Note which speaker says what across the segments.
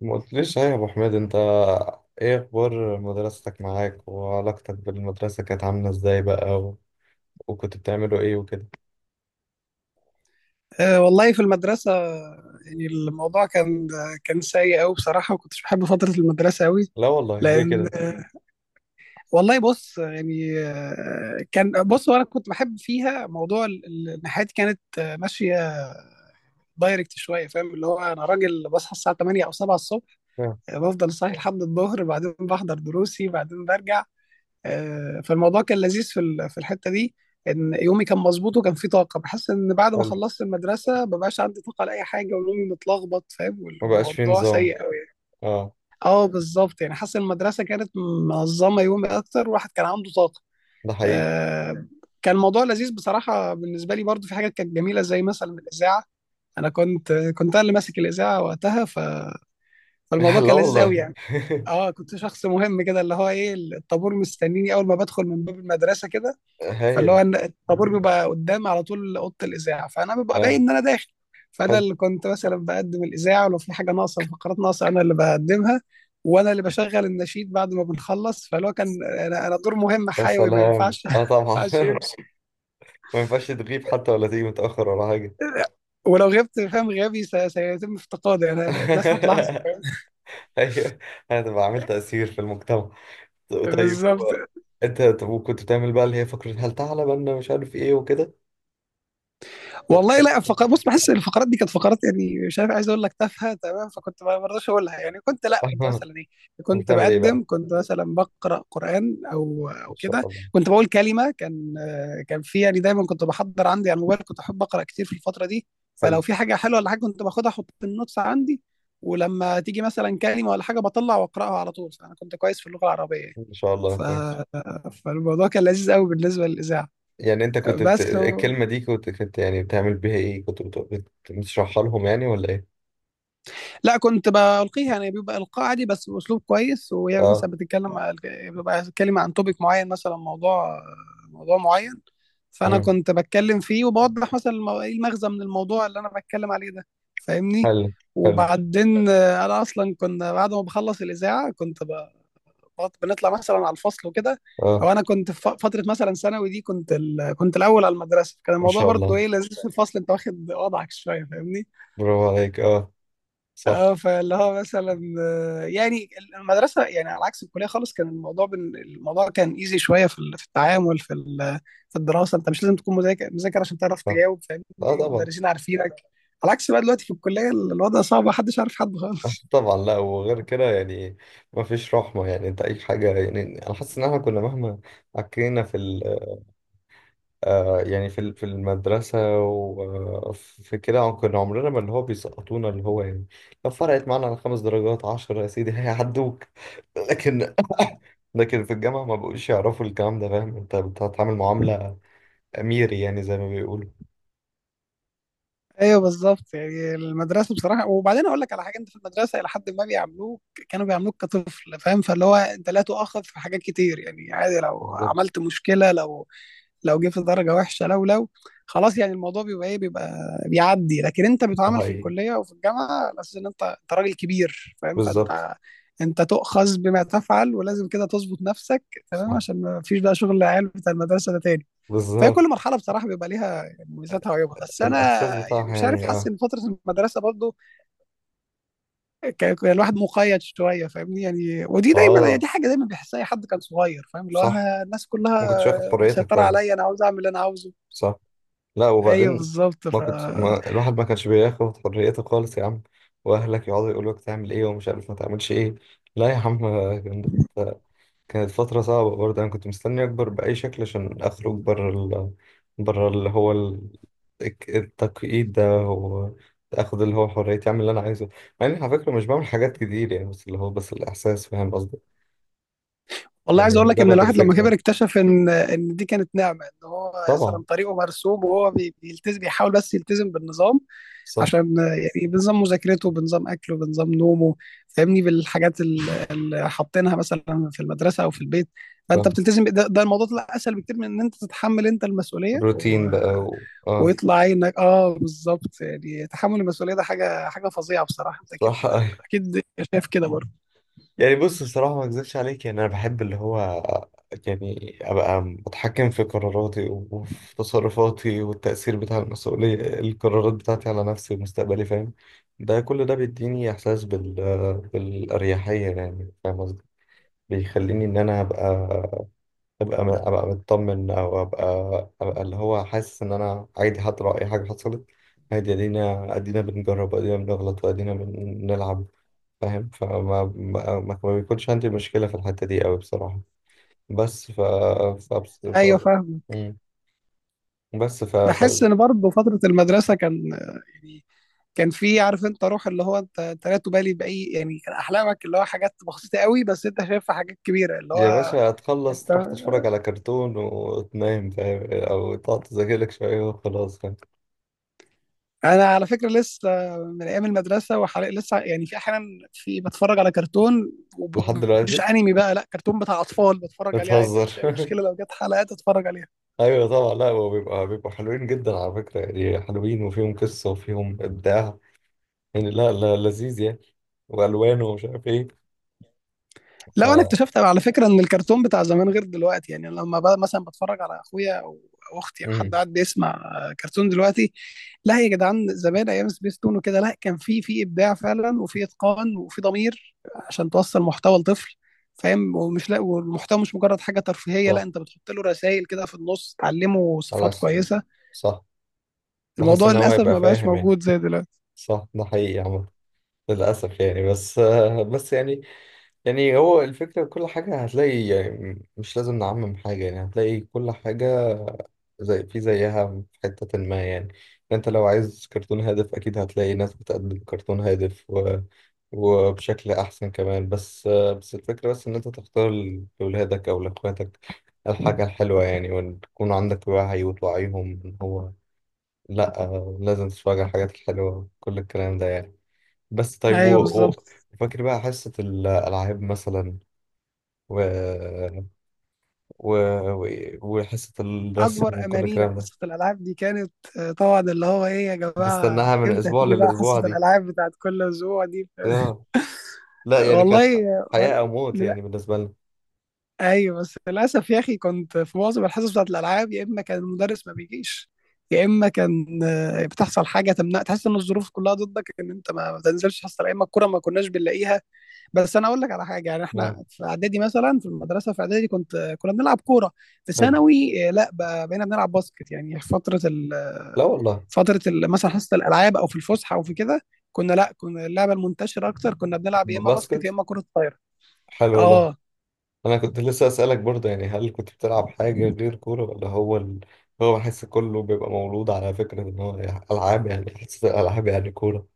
Speaker 1: ما قلتليش صحيح يا ابو حميد انت؟ ايه اخبار مدرستك معاك، وعلاقتك بالمدرسه كانت عامله ازاي بقى؟ و... وكنت بتعملوا ايه وكده؟
Speaker 2: أه، والله في المدرسة. يعني الموضوع كان سيء أوي بصراحة، وكنتش بحب فترة المدرسة أوي.
Speaker 1: لا والله، ليه
Speaker 2: لأن
Speaker 1: كده؟
Speaker 2: والله بص، يعني كان بص. وأنا كنت بحب فيها موضوع إن حياتي كانت ماشية دايركت شوية، فاهم؟ اللي هو أنا راجل بصحى الساعة 8 أو 7 الصبح.
Speaker 1: آه.
Speaker 2: بفضل صاحي لحد الظهر، بعدين بحضر دروسي، بعدين برجع. فالموضوع كان لذيذ في الحته دي. ان يومي كان مظبوط وكان فيه طاقه. بحس ان بعد ما
Speaker 1: حلو.
Speaker 2: خلصت المدرسه مبقاش عندي طاقه لاي حاجه، ويومي متلخبط، فاهم؟
Speaker 1: ما بقاش في
Speaker 2: والموضوع
Speaker 1: نظام.
Speaker 2: سيء قوي يعني.
Speaker 1: اه.
Speaker 2: اه، بالظبط، يعني حاسس إن المدرسه كانت منظمه يومي اكتر، والواحد كان عنده طاقه.
Speaker 1: ده حقيقي.
Speaker 2: آه، كان الموضوع لذيذ بصراحه بالنسبه لي. برضو في حاجات كانت جميله، زي مثلا الاذاعه. انا كنت انا اللي ماسك الاذاعه وقتها. فالموضوع
Speaker 1: لا
Speaker 2: كان لذيذ قوي
Speaker 1: والله.
Speaker 2: يعني. اه، كنت شخص مهم كده، اللي هو ايه، الطابور مستنيني اول ما بدخل من باب المدرسه كده. فاللي هو
Speaker 1: هايل.
Speaker 2: إن الطابور بيبقى قدام على طول اوضه الاذاعه، فانا ببقى باين
Speaker 1: اه.
Speaker 2: ان انا داخل. فانا
Speaker 1: حلو.
Speaker 2: اللي كنت مثلا بقدم الاذاعه. ولو في حاجه ناقصه، فقرات ناقصه، انا اللي بقدمها. وانا اللي بشغل النشيد بعد ما بنخلص. فاللي هو كان انا، دور مهم
Speaker 1: يا
Speaker 2: حيوي، ما
Speaker 1: سلام،
Speaker 2: ينفعش ما
Speaker 1: اه طبعا.
Speaker 2: ينفعش يمشي.
Speaker 1: ما ينفعش تغيب حتى ولا تيجي متاخر ولا حاجه.
Speaker 2: ولو غبت، فاهم، غيابي سيتم افتقادي. انا الناس هتلاحظه، فاهم؟
Speaker 1: ايوه. هتبقى عامل تاثير في المجتمع. طيب
Speaker 2: بالظبط.
Speaker 1: انت، طب، وكنت بتعمل بقى اللي هي فكره هل تعلم ان مش عارف ايه وكده؟ طب
Speaker 2: والله
Speaker 1: الحاجات
Speaker 2: لا،
Speaker 1: دي.
Speaker 2: فقرات، بص، بحس إن الفقرات دي كانت فقرات، يعني مش عارف عايز اقول لك تافهه، تمام؟ فكنت ما برضاش اقولها، يعني كنت، لا، كنت
Speaker 1: آه.
Speaker 2: مثلا ايه،
Speaker 1: هتعمل ايه بقى؟
Speaker 2: كنت مثلا بقرا قران او
Speaker 1: ان شاء
Speaker 2: كده.
Speaker 1: الله.
Speaker 2: كنت بقول كلمه كان، في، يعني دايما كنت بحضر عندي على الموبايل. كنت احب اقرا كتير في الفتره دي.
Speaker 1: حلو.
Speaker 2: فلو في حاجه حلوه ولا حاجه كنت باخدها احط في النوتس عندي. ولما تيجي مثلا كلمه ولا حاجه بطلع واقراها على طول. فانا كنت كويس في اللغه العربيه يعني.
Speaker 1: ان شاء الله،
Speaker 2: ف...
Speaker 1: كويس.
Speaker 2: فالموضوع كان لذيذ قوي بالنسبه للاذاعه.
Speaker 1: يعني انت كنت
Speaker 2: بس
Speaker 1: الكلمة دي كنت يعني بتعمل بيها ايه، كنت بتشرحها لهم يعني، ولا ايه؟
Speaker 2: لا، كنت بلقيها يعني بيبقى القاء عادي بس باسلوب كويس. وهي
Speaker 1: اه.
Speaker 2: مثلا بتتكلم بيبقى بتتكلم عن توبيك معين، مثلا موضوع معين. فانا
Speaker 1: امم.
Speaker 2: كنت بتكلم فيه وبوضح مثلا ايه المغزى من الموضوع اللي انا بتكلم عليه ده، فاهمني؟
Speaker 1: حلو. حلو.
Speaker 2: وبعدين انا اصلا كنا بعد ما بخلص الاذاعه بنطلع مثلا على الفصل وكده.
Speaker 1: اه.
Speaker 2: او انا كنت في فتره مثلا ثانوي دي كنت الاول على المدرسه. كان
Speaker 1: ما
Speaker 2: الموضوع
Speaker 1: شاء الله،
Speaker 2: برضو ايه لذيذ في الفصل، انت واخد وضعك شويه، فاهمني؟
Speaker 1: برافو عليك. اه. صح.
Speaker 2: اه، فاللي هو مثلا يعني المدرسه يعني على عكس الكليه خالص. كان الموضوع كان ايزي شويه في التعامل في الدراسه. انت مش لازم تكون مذاكر مذاكر عشان تعرف
Speaker 1: صح.
Speaker 2: تجاوب، فاهمني؟
Speaker 1: اه طبعا.
Speaker 2: المدرسين عارفينك. على عكس بقى دلوقتي في الكليه، الوضع صعب، محدش عارف حد خالص.
Speaker 1: طبعا لا، وغير كده يعني ما فيش رحمة. يعني انت اي حاجة، يعني انا حاسس ان احنا كنا مهما عكينا في آه، يعني في المدرسة وفي كده، كنا عمرنا ما اللي هو بيسقطونا اللي هو، يعني لو فرقت معانا على خمس درجات عشرة يا سيدي هيعدوك. لكن في الجامعة ما بقوش يعرفوا الكلام ده، فاهم؟ انت بتتعامل معاملة أميري، يعني زي ما بيقولوا.
Speaker 2: ايوه بالظبط، يعني المدرسه بصراحه. وبعدين اقول لك على حاجه، انت في المدرسه الى حد ما بيعاملوك، كانوا بيعاملوك كطفل، فاهم؟ فاللي هو انت لا تؤاخذ في حاجات كتير، يعني عادي لو
Speaker 1: بالظبط.
Speaker 2: عملت مشكله، لو جه في درجه وحشه، لو خلاص يعني الموضوع بيبقى ايه، بيبقى بيعدي. لكن انت
Speaker 1: ده
Speaker 2: بتعامل في
Speaker 1: حقيقي.
Speaker 2: الكليه وفي الجامعه على اساس ان انت راجل كبير، فاهم؟
Speaker 1: بالظبط.
Speaker 2: فانت تؤخذ بما تفعل، ولازم كده تظبط نفسك. تمام،
Speaker 1: صح.
Speaker 2: عشان ما فيش بقى شغل العيال بتاع المدرسه ده تاني. فهي
Speaker 1: بالظبط.
Speaker 2: كل مرحله بصراحه بيبقى ليها يعني مميزاتها وعيوبها. بس انا
Speaker 1: الإحساس
Speaker 2: يعني
Speaker 1: بتاعها
Speaker 2: مش عارف،
Speaker 1: يعني،
Speaker 2: حاسس
Speaker 1: اه.
Speaker 2: ان فتره المدرسه برضو كان الواحد مقيد شويه، فاهمني؟ يعني ودي دايما، يعني
Speaker 1: اه
Speaker 2: دي حاجه دايما بيحسها اي حد كان صغير، فاهم؟ اللي هو،
Speaker 1: صح.
Speaker 2: انا الناس
Speaker 1: ما
Speaker 2: كلها
Speaker 1: كنتش واخد حريتك
Speaker 2: مسيطره
Speaker 1: طبعا.
Speaker 2: عليا، انا عاوز اعمل اللي انا عاوزه.
Speaker 1: صح. لا،
Speaker 2: ايوه
Speaker 1: وبعدين
Speaker 2: بالظبط.
Speaker 1: ما كنت ما الواحد ما كانش بياخد حريته خالص يا عم، واهلك يقعدوا يقولوا لك تعمل ايه ومش عارف ما تعملش ايه. لا يا عم. كانت كانت فترة صعبة برضه. انا كنت مستني اكبر بأي شكل عشان اخرج بره اللي هو التقييد ده، واخد اللي هو حريتي اعمل اللي انا عايزه. مع اني على فكرة مش بعمل حاجات كتير يعني، بس اللي هو بس الاحساس، فاهم قصدي؟
Speaker 2: والله
Speaker 1: يعني
Speaker 2: عايز اقول لك ان
Speaker 1: مجرد
Speaker 2: الواحد لما كبر
Speaker 1: الفكرة.
Speaker 2: اكتشف ان دي كانت نعمه. ان هو
Speaker 1: طبعا.
Speaker 2: مثلا طريقه مرسوم وهو بيلتزم، بيحاول بس يلتزم بالنظام.
Speaker 1: صح.
Speaker 2: عشان يعني بنظام مذاكرته، بنظام اكله، بنظام نومه، فاهمني. بالحاجات اللي حاطينها مثلا في المدرسه او في البيت. فانت
Speaker 1: صح.
Speaker 2: بتلتزم ده الموضوع طلع اسهل بكتير من ان انت تتحمل انت المسؤوليه.
Speaker 1: روتين بقى اه.
Speaker 2: ويطلع عينك. اه بالظبط، يعني تحمل المسؤوليه ده حاجه فظيعه بصراحه، انت اكيد،
Speaker 1: صح أيوه.
Speaker 2: اكيد شايف كده برضه.
Speaker 1: يعني بص، الصراحة ما اكذبش عليك، يعني انا بحب اللي هو يعني ابقى متحكم في قراراتي وفي تصرفاتي، والتأثير بتاع المسؤولية، القرارات بتاعتي على نفسي ومستقبلي فاهم. ده كل ده بيديني احساس بالأريحية يعني، فاهم قصدي؟ بيخليني ان انا ابقى مطمن، او ابقى اللي هو حاسس ان انا عادي حتى لو اي حاجة حصلت. عادي، ادينا بنجرب، ادينا بنغلط، وادينا بنلعب فاهم. فما ما, ما ما بيكونش عندي مشكلة في الحتة دي قوي بصراحة. بس ف ف,
Speaker 2: ايوه
Speaker 1: ف...
Speaker 2: فاهم.
Speaker 1: مم. بس ف... ف
Speaker 2: بحس ان برضه فتره المدرسه كان، يعني كان في، عارف انت روح، اللي هو انت لا تبالي باي، يعني كان احلامك اللي هو حاجات بسيطه قوي بس انت شايفها حاجات كبيره اللي
Speaker 1: يا
Speaker 2: هو
Speaker 1: باشا هتخلص
Speaker 2: انت.
Speaker 1: تروح تتفرج على كرتون وتنام فاهم، او تقعد تذاكر لك شوية وخلاص فاهم.
Speaker 2: انا على فكره لسه من ايام المدرسه، وحاليا لسه يعني في احيانا في بتفرج على كرتون وب-
Speaker 1: لحد
Speaker 2: ومش
Speaker 1: دلوقتي؟
Speaker 2: انمي بقى، لا كرتون بتاع اطفال بتفرج عليه عادي، ما
Speaker 1: بتهزر.
Speaker 2: عنديش اي مشكله لو جت حلقات اتفرج عليها.
Speaker 1: ايوه طبعا، لا هو بيبقوا حلوين جدا على فكرة يعني، حلوين وفيهم قصة وفيهم ابداع يعني. لا لا، لذيذ يعني، والوان ومش عارف ايه.
Speaker 2: لو انا
Speaker 1: ف...
Speaker 2: اكتشفت على فكره ان الكرتون بتاع زمان غير دلوقتي، يعني لما بقى مثلا بتفرج على اخويا او اختي او
Speaker 1: مم.
Speaker 2: حد قاعد بيسمع كرتون دلوقتي، لا يا جدعان، زمان ايام سبيس تون وكده لا، كان في ابداع فعلا، وفي اتقان، وفي ضمير عشان توصل محتوى لطفل، فاهم؟ ومش لا، والمحتوى مش مجرد حاجه ترفيهيه، لا،
Speaker 1: صح.
Speaker 2: انت بتحط له رسائل كده في النص تعلمه
Speaker 1: على
Speaker 2: صفات كويسه.
Speaker 1: صح. بحس
Speaker 2: الموضوع
Speaker 1: ان هو
Speaker 2: للاسف
Speaker 1: يبقى
Speaker 2: ما بقاش
Speaker 1: فاهم يعني.
Speaker 2: موجود زي دلوقتي.
Speaker 1: صح، ده حقيقي يا عم. للأسف يعني، بس يعني يعني هو الفكرة، كل حاجة هتلاقي يعني، مش لازم نعمم حاجة، يعني هتلاقي كل حاجة زي في زيها في حتة ما يعني. انت لو عايز كرتون هادف أكيد هتلاقي ناس بتقدم كرتون هادف وبشكل أحسن كمان، بس الفكرة بس إن أنت تختار لأولادك أو لأخواتك الحاجة الحلوة يعني، وتكون عندك وعي وتوعيهم إن هو لأ، لازم تتفرج على الحاجات الحلوة، كل الكلام ده يعني. بس طيب
Speaker 2: ايوه بالظبط.
Speaker 1: وفاكر بقى حصة الألعاب مثلا، و... و... و... وحصة
Speaker 2: اكبر
Speaker 1: الرسم وكل
Speaker 2: امانينا
Speaker 1: الكلام ده.
Speaker 2: حصه الالعاب دي كانت، طبعا، اللي هو ايه يا جماعه،
Speaker 1: بستناها من
Speaker 2: امتى
Speaker 1: أسبوع
Speaker 2: هتيجي بقى
Speaker 1: للأسبوع
Speaker 2: حصه
Speaker 1: دي.
Speaker 2: الالعاب بتاعت كل اسبوع دي؟
Speaker 1: آه. لا يعني كانت
Speaker 2: والله
Speaker 1: حياة أو موت
Speaker 2: لا،
Speaker 1: يعني بالنسبة لنا.
Speaker 2: ايوه، بس للاسف يا اخي كنت في معظم الحصص بتاعت الالعاب، يا اما كان المدرس ما بيجيش. يا اما كان بتحصل حاجه تمنع، تحس ان الظروف كلها ضدك ان انت ما تنزلش حصه، يا اما الكوره ما كناش بنلاقيها. بس انا اقول لك على حاجه، يعني
Speaker 1: آه.
Speaker 2: احنا في اعدادي مثلا، في المدرسه في اعدادي كنت كنا بنلعب كوره. في
Speaker 1: حلو.
Speaker 2: ثانوي لا، بقينا بنلعب باسكت. يعني في فتره
Speaker 1: لا والله.
Speaker 2: فتره مثلا حصه الالعاب، او في الفسحه، او في كده. كنا، لا، كنا اللعبه المنتشره اكتر كنا بنلعب، يا اما باسكت يا
Speaker 1: باسكت.
Speaker 2: اما كره طايره.
Speaker 1: حلو والله.
Speaker 2: اه،
Speaker 1: أنا كنت لسه أسألك برضه يعني، هل كنت بتلعب حاجة غير كورة، ولا هو هو بحس كله بيبقى مولود على فكرة إن هو يعني ألعاب، يعني حصة الألعاب يعني كورة،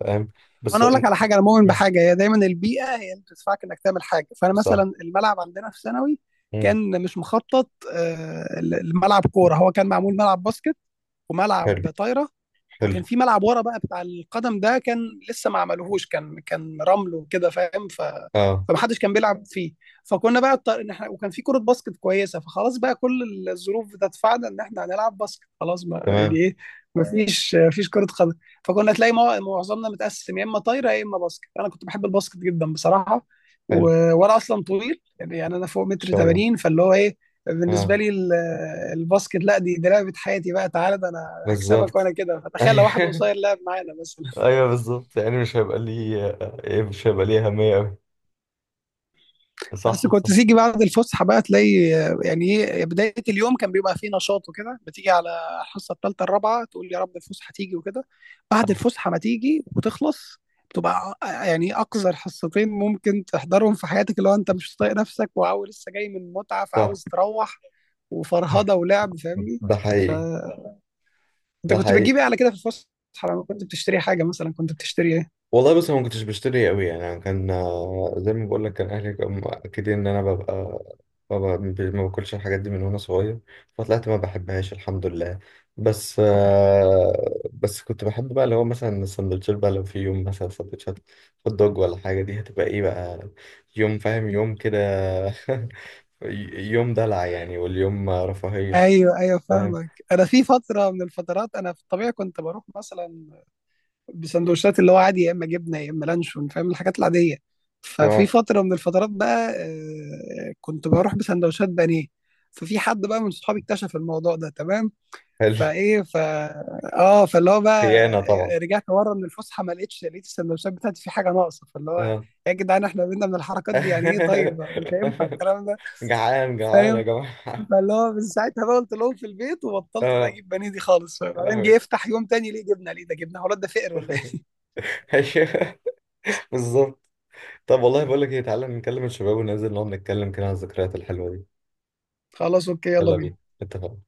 Speaker 1: فاهم؟ بس
Speaker 2: وانا اقول لك
Speaker 1: إن-
Speaker 2: على حاجه، انا مؤمن بحاجه، هي دايما البيئه هي اللي بتدفعك انك تعمل حاجه. فانا
Speaker 1: صح.
Speaker 2: مثلا الملعب عندنا في ثانوي
Speaker 1: مم.
Speaker 2: كان مش مخطط لملعب كوره، هو كان معمول ملعب باسكت
Speaker 1: حلو.
Speaker 2: وملعب طايره. وكان
Speaker 1: حلو.
Speaker 2: في ملعب ورا بقى بتاع القدم ده، كان لسه ما عملوهوش، كان رمل وكده فاهم.
Speaker 1: اه.
Speaker 2: فمحدش كان بيلعب فيه. فكنا بقى اضطر ان احنا، وكان في كرة باسكت كويسة، فخلاص بقى كل الظروف بتدفعنا ان احنا هنلعب باسكت، خلاص ما يعني
Speaker 1: تمام.
Speaker 2: ايه، ما فيش كرة قدم. فكنا تلاقي معظمنا متقسم، يا اما طايرة يا اما باسكت. انا كنت بحب الباسكت جدا بصراحة. و...
Speaker 1: حلو. ان
Speaker 2: وانا اصلا طويل يعني انا فوق متر
Speaker 1: شاء الله.
Speaker 2: 80، فاللي هو ايه، بالنسبه
Speaker 1: اه
Speaker 2: لي الباسكت لا دي لعبه حياتي بقى، تعالى ده انا هكسبك
Speaker 1: بالظبط.
Speaker 2: وانا كده، فتخيل لو واحد
Speaker 1: ايوه
Speaker 2: قصير لعب معانا مثلا.
Speaker 1: ايوه بالظبط يعني مش هيبقى لي اهميه قوي.
Speaker 2: بس
Speaker 1: صح
Speaker 2: كنت
Speaker 1: صح
Speaker 2: تيجي بعد الفسحه بقى تلاقي، يعني ايه، بدايه اليوم كان بيبقى فيه نشاط وكده، بتيجي على الحصه الثالثه الرابعه تقول يا رب الفسحه تيجي وكده. بعد
Speaker 1: صح
Speaker 2: الفسحه ما تيجي وتخلص بتبقى يعني اقذر حصتين ممكن تحضرهم في حياتك، اللي هو انت مش طايق نفسك وعاوز لسه جاي من متعه،
Speaker 1: صح.
Speaker 2: فعاوز تروح وفرهده ولعب، فاهمني.
Speaker 1: ده
Speaker 2: ف
Speaker 1: حقيقي.
Speaker 2: انت
Speaker 1: ده
Speaker 2: كنت
Speaker 1: حقيقي.
Speaker 2: بتجيب ايه على كده في الفسحه؟ لما كنت بتشتري حاجه مثلا كنت بتشتري ايه؟
Speaker 1: والله بص، أنا ما كنتش بشتري قوي يعني، أنا كان زي ما بقول لك، كان اهلي كانوا مأكدين ان انا ببقى ببقى ما باكلش الحاجات دي من وانا صغير، فطلعت ما بحبهاش الحمد لله. بس كنت بحب بقى اللي هو مثلا السندوتشات، بقى لو في يوم مثلا سندوتشات هوت دوج ولا حاجة، دي هتبقى ايه بقى يوم فاهم، يوم كده، يوم دلع يعني، واليوم رفاهية.
Speaker 2: ايوه، ايوه،
Speaker 1: فاهم.
Speaker 2: فاهمك. انا في فتره من الفترات، انا في الطبيعي كنت بروح مثلا بسندوتشات، اللي هو عادي يا اما جبنه يا اما لانشون فاهم، الحاجات العاديه. ففي
Speaker 1: تمام.
Speaker 2: فتره من الفترات بقى كنت بروح بسندوتشات بانيه. ففي حد بقى من صحابي اكتشف الموضوع ده، تمام.
Speaker 1: حلو.
Speaker 2: فايه ف اه فاللي هو بقى
Speaker 1: خيانة طبعا.
Speaker 2: رجعت ورا من الفسحه، ما لقيتش، لقيت السندوتشات بتاعتي في حاجه ناقصه، فاللي هو،
Speaker 1: اه.
Speaker 2: يا جدعان احنا بينا من الحركات دي يعني ايه، طيب مش هينفع الكلام ده،
Speaker 1: جعان جعان يا
Speaker 2: فاهم؟
Speaker 1: جماعة.
Speaker 2: فاللي هو من ساعتها بقى قلت لهم في البيت، وبطلت بقى
Speaker 1: اه
Speaker 2: اجيب بانيه دي خالص.
Speaker 1: يا
Speaker 2: بعدين جه
Speaker 1: لهوي.
Speaker 2: يفتح يوم تاني، ليه جبنه؟ ليه ده جبنه؟ هو الواد ده فقر ولا ايه؟
Speaker 1: أيوه، بالظبط. طب والله بقول لك ايه، تعالى نكلم الشباب وننزل نقعد نتكلم كده عن الذكريات الحلوة دي.
Speaker 2: خلاص اوكي، يلا
Speaker 1: يلا بينا.
Speaker 2: بينا.
Speaker 1: اتفقنا.